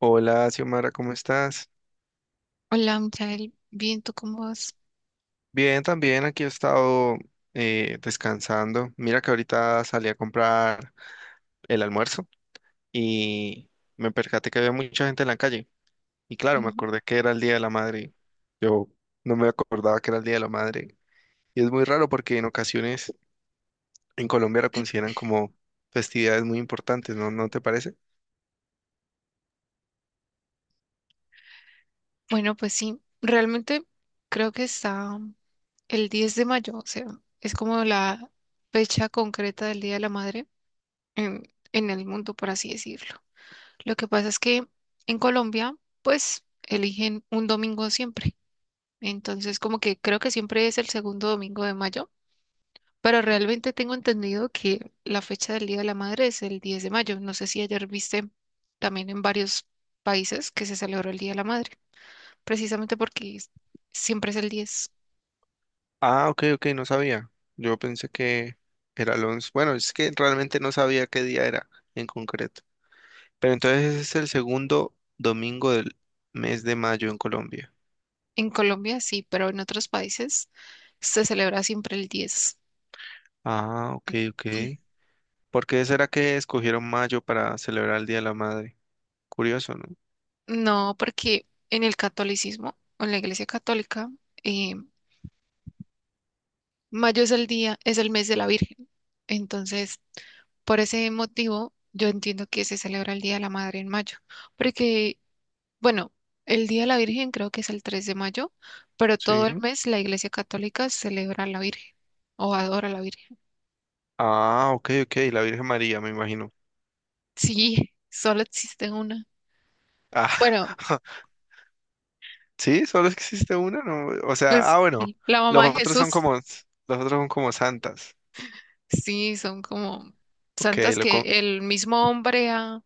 Hola, Xiomara, ¿cómo estás? Hola, Michael. Bien, ¿tú cómo vas? Bien, también aquí he estado descansando. Mira que ahorita salí a comprar el almuerzo y me percaté que había mucha gente en la calle. Y claro, me Ujú. acordé que era el Día de la Madre. Yo no me acordaba que era el Día de la Madre. Y es muy raro porque en ocasiones en Colombia lo consideran como festividades muy importantes, ¿no? ¿No te parece? Bueno, pues sí, realmente creo que está el 10 de mayo, o sea, es como la fecha concreta del Día de la Madre en, en el mundo, por así decirlo. Lo que pasa es que en Colombia, pues, eligen un domingo siempre. Entonces, como que creo que siempre es el segundo domingo de mayo. Pero realmente tengo entendido que la fecha del Día de la Madre es el 10 de mayo. No sé si ayer viste también en varios países que se celebró el Día de la Madre, precisamente porque siempre es el 10. Ah, ok, ok, no sabía. Yo pensé que era el 11. Bueno, es que realmente no sabía qué día era en concreto. Pero entonces ese es el segundo domingo del mes de mayo en Colombia. En Colombia sí, pero en otros países se celebra siempre el 10. Ah, ok, ok. ¿Por qué será que escogieron mayo para celebrar el Día de la Madre? Curioso, ¿no? No, porque en el catolicismo o en la Iglesia Católica, eh, mayo es el día, es el mes de la Virgen. Entonces, por ese motivo, yo entiendo que se celebra el Día de la Madre en mayo, porque bueno, el Día de la Virgen creo que es el 3 de mayo, pero todo el Sí. mes la Iglesia Católica celebra a la Virgen o adora a la Virgen. Ah, ok, ok. La Virgen María, me imagino. Sí, solo existe una. Ah, Bueno, sí, solo existe una, ¿no? O sea, pues ah, bueno. la Los mamá de otros son Jesús, como, los otros son como santas. sí, son como Ok, santas que el mismo hombre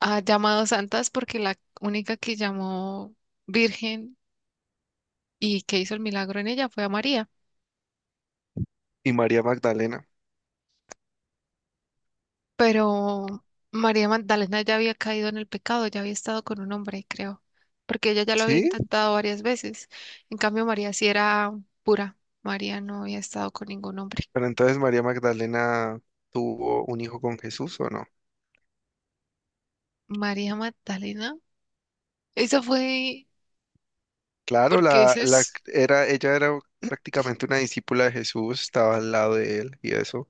ha llamado santas porque la única que llamó Virgen y que hizo el milagro en ella fue a María. y María Magdalena. Pero María Magdalena ya había caído en el pecado, ya había estado con un hombre, creo, porque ella ya lo había Sí, intentado varias veces. En cambio, María sí era pura. María no había estado con ningún hombre. pero entonces María Magdalena tuvo un hijo con Jesús, ¿o no? María Magdalena, esa fue Claro, porque ese es. Ella era prácticamente una discípula de Jesús, estaba al lado de él y eso,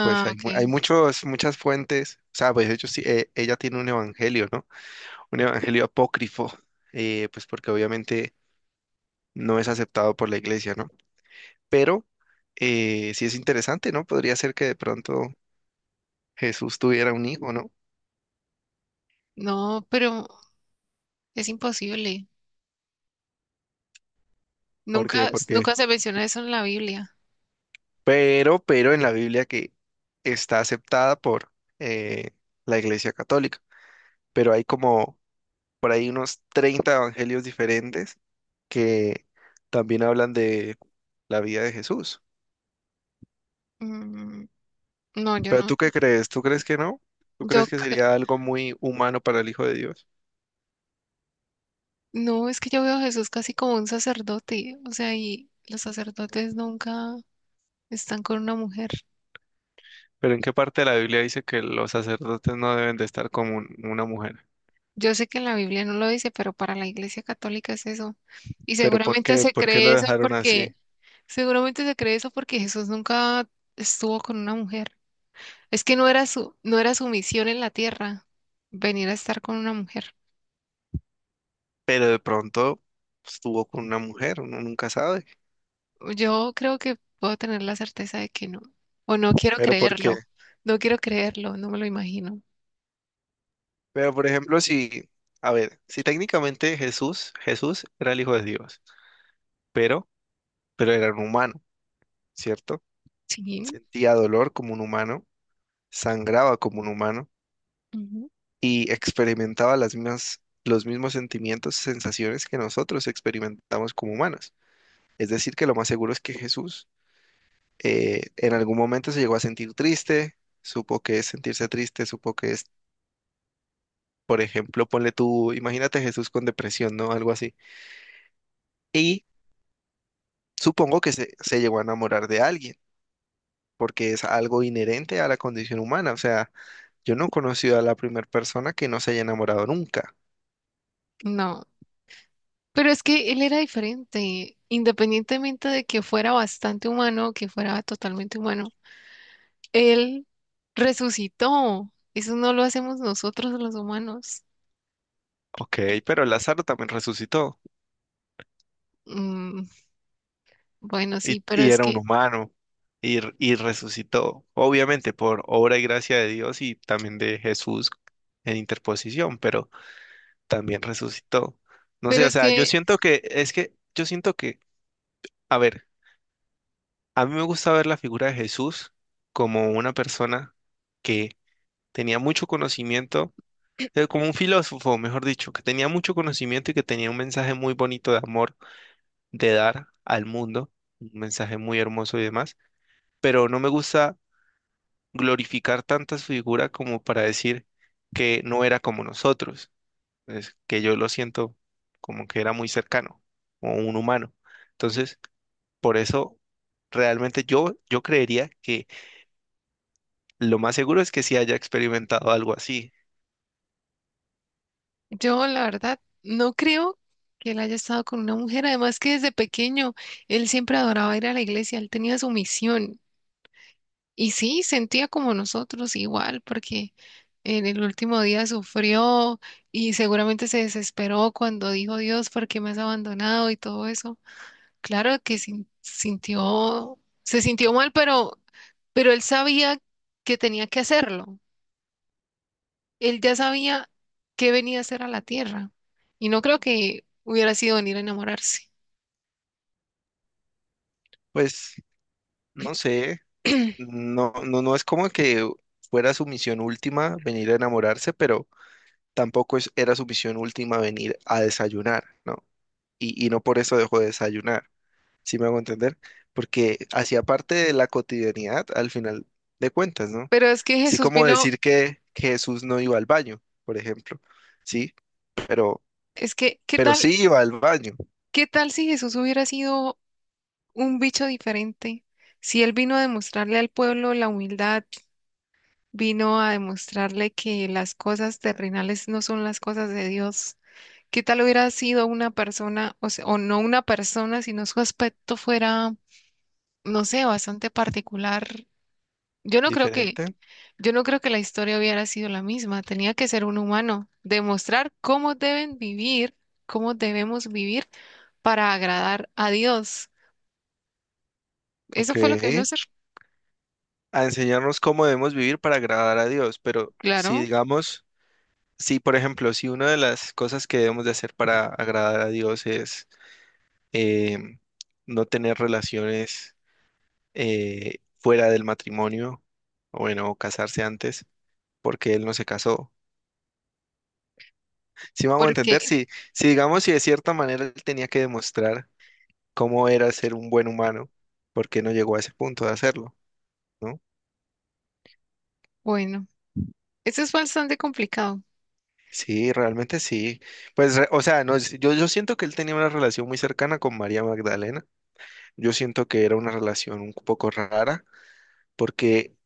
pues hay, hay ok. Muchas fuentes, o sea, pues ella tiene un evangelio, ¿no? Un evangelio apócrifo, pues porque obviamente no es aceptado por la iglesia, ¿no? Pero sí es interesante, ¿no? Podría ser que de pronto Jesús tuviera un hijo, ¿no? No, pero es imposible. ¿Por Porque, Nunca, porque, nunca se menciona eso en la Biblia. pero en la Biblia que está aceptada por eh, la iglesia católica, pero hay como por ahí unos 30 evangelios diferentes que también hablan de la vida de Jesús. Mm, no, yo Pero no. ¿tú qué crees? ¿Tú crees que no? ¿Tú Yo crees que c- sería algo muy humano para el Hijo de Dios? no, es que yo veo a Jesús casi como un sacerdote, o sea, y los sacerdotes nunca están con una mujer. Pero ¿en qué parte de la Biblia dice que los sacerdotes no deben de estar con una mujer? Yo sé que en la Biblia no lo dice, pero para la Iglesia Católica es eso. Y ¿Pero por qué? ¿Por qué lo dejaron así? Seguramente se cree eso porque Jesús nunca estuvo con una mujer. Es que no era su misión en la tierra venir a estar con una mujer. Pero de pronto estuvo con una mujer, uno nunca sabe. Yo creo que puedo tener la certeza de que no. O no quiero ¿Pero por qué? creerlo. No quiero creerlo, no me lo imagino. Pero por ejemplo, a ver, si técnicamente Jesús era el Hijo de Dios, pero, pero era un humano. ¿Cierto? Sí. Sentía dolor como un humano, sangraba como un humano Ujú. y experimentaba los mismos sentimientos, sensaciones que nosotros experimentamos como humanos. Es decir, que lo más seguro es que Jesús en algún momento se llegó a sentir triste, supo que es sentirse triste, supo que es, por ejemplo, ponle tú, imagínate Jesús con depresión, ¿no? Algo así. Y supongo que se llegó a enamorar de alguien, porque es algo inherente a la condición humana, o sea. Yo no he conocido a la primera persona que no se haya enamorado nunca. No. Pero es que él era diferente, independientemente de que fuera bastante humano, que fuera totalmente humano. Él resucitó. Eso no lo hacemos nosotros los humanos. Ok, pero Lázaro también resucitó Mm, bueno, sí, y era un humano y resucitó, obviamente por obra y gracia de Dios y también de Jesús en interposición, pero también resucitó. No pero sé, o es sea, yo que siento que es que yo siento que, a ver, a mí me gusta ver la figura de Jesús como una persona que tenía mucho conocimiento, como un filósofo, mejor dicho, que tenía mucho conocimiento y que tenía un mensaje muy bonito de amor, de dar al mundo, un mensaje muy hermoso y demás, pero no me gusta glorificar tanta su figura como para decir que no era como nosotros, es que yo lo siento como que era muy cercano, o un humano. Entonces, por eso realmente yo creería que lo más seguro es que sí haya experimentado algo así. yo la verdad no creo que él haya estado con una mujer. Además que desde pequeño él siempre adoraba ir a la iglesia. Él tenía su misión. Y sí, sentía como nosotros igual, porque en el último día sufrió y seguramente se desesperó cuando dijo Dios, ¿por qué me has abandonado? Y todo eso. Claro que sintió, se sintió mal, pero él sabía que tenía que hacerlo. Él ya sabía qué venía a hacer a la tierra. Y no creo que hubiera sido venir a enamorarse. Pues, no sé. No es como que fuera su misión última venir a enamorarse, pero tampoco es, era su misión última venir a desayunar, ¿no? Y no por eso dejó de desayunar, ¿sí me hago entender? Porque hacía parte de la cotidianidad al final de cuentas, ¿no? Pero es que Así Jesús como vino, decir que, Jesús no iba al baño, por ejemplo, ¿sí? Pero, es que, ¿qué pero tal? sí iba al baño, ¿Qué tal si Jesús hubiera sido un bicho diferente? Si él vino a demostrarle al pueblo la humildad, vino a demostrarle que las cosas terrenales no son las cosas de Dios. ¿Qué tal hubiera sido una persona, o sea, o no una persona, sino su aspecto fuera, no sé, bastante particular? Yo no creo que, diferente, yo no creo que la historia hubiera sido la misma. Tenía que ser un humano, demostrar cómo deben vivir, cómo debemos vivir para agradar a Dios. ¿ok? Eso fue lo que vino a hacer, A enseñarnos cómo debemos vivir para agradar a Dios, pero si claro, digamos... Sí, por ejemplo, si una de las cosas que debemos de hacer para agradar a Dios es em, no tener relaciones fuera del matrimonio, o bueno, o casarse antes, porque Él no se casó. Si vamos a entender, porque si de cierta manera Él tenía que demostrar cómo era ser un buen humano, ¿por qué no llegó a ese punto de hacerlo? ¿No? bueno, eso es bastante complicado. Sí, realmente sí. O sea, no, yo siento que él tenía una relación muy cercana con María Magdalena. Yo siento que era una relación un poco rara, porque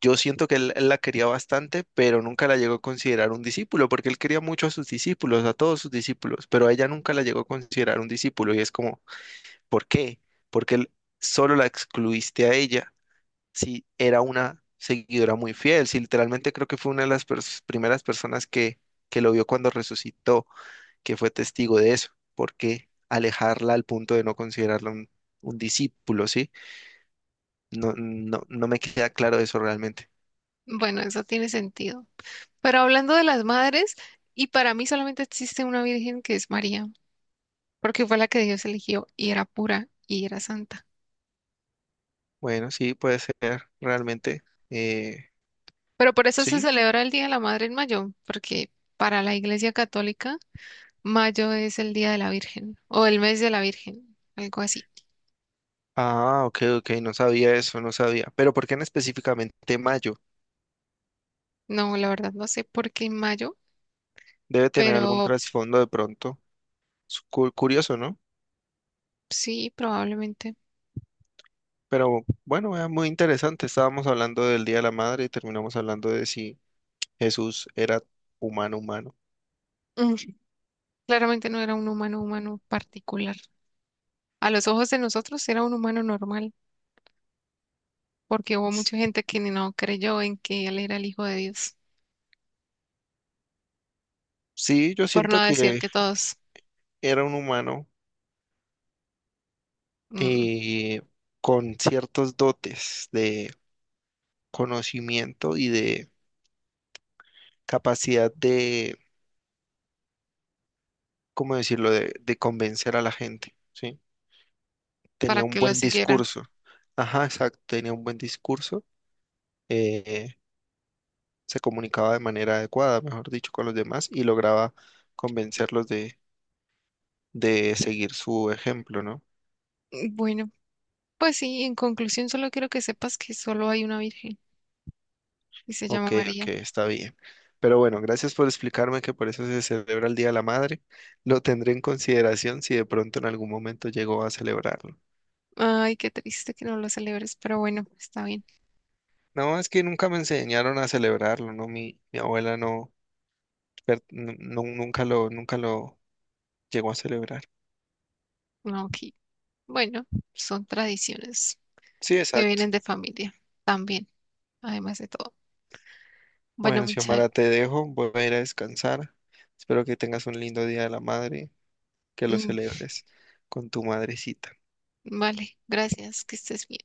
yo siento que él la quería bastante, pero nunca la llegó a considerar un discípulo, porque él quería mucho a sus discípulos, a todos sus discípulos, pero a ella nunca la llegó a considerar un discípulo y es como, ¿por qué? Porque él solo la excluiste a ella si era una seguidora muy fiel, si literalmente creo que fue una de las primeras personas que lo vio cuando resucitó, que fue testigo de eso, ¿por qué alejarla al punto de no considerarla un discípulo, ¿sí? No, no me queda claro eso realmente. Bueno, eso tiene sentido. Pero hablando de las madres, y para mí solamente existe una virgen que es María, porque fue la que Dios eligió y era pura y era santa. Bueno, sí, puede ser, realmente. Eh, Pero por eso se sí. celebra el Día de la Madre en mayo, porque para la Iglesia Católica, mayo es el Día de la Virgen o el mes de la Virgen, algo así. Ah, ok, ok, no sabía eso, no sabía. Pero ¿por qué en específicamente mayo? No, la verdad no sé por qué en mayo, Debe tener algún pero trasfondo de pronto. Curioso, ¿no? sí, probablemente. Pero bueno, era muy interesante. Estábamos hablando del Día de la Madre y terminamos hablando de si Jesús era humano. Mm, claramente no era un humano humano particular. A los ojos de nosotros era un humano normal, porque hubo mucha gente que ni no creyó en que él era el Hijo de Dios, Sí, yo por siento no decir que que todos, era un humano, mm, eh, con ciertos dotes de conocimiento y de capacidad de ¿cómo decirlo?, de convencer a la gente, ¿sí? para Tenía un que lo buen siguieran. discurso. Ajá, exacto, tenía un buen discurso. eh, Se comunicaba de manera adecuada, mejor dicho, con los demás y lograba convencerlos de seguir su ejemplo, ¿no? Bueno, pues sí, en conclusión solo quiero que sepas que solo hay una virgen y se llama Ok, ok, María. está bien. Pero bueno, gracias por explicarme que por eso se celebra el Día de la Madre. Lo tendré en consideración si de pronto en algún momento llego a celebrarlo. Ay, qué triste que no lo celebres, pero bueno, está bien. No, es que nunca me enseñaron a celebrarlo, ¿no? Mi abuela no, pero nunca nunca lo llegó a celebrar. No, ok. Bueno, son tradiciones Sí, que exacto. vienen de familia también, además de todo. Bueno, Bueno, Xiomara, Michal, te dejo, voy a ir a descansar. Espero que tengas un lindo Día de la Madre, que lo mm, celebres con tu madrecita. vale, gracias, que estés bien.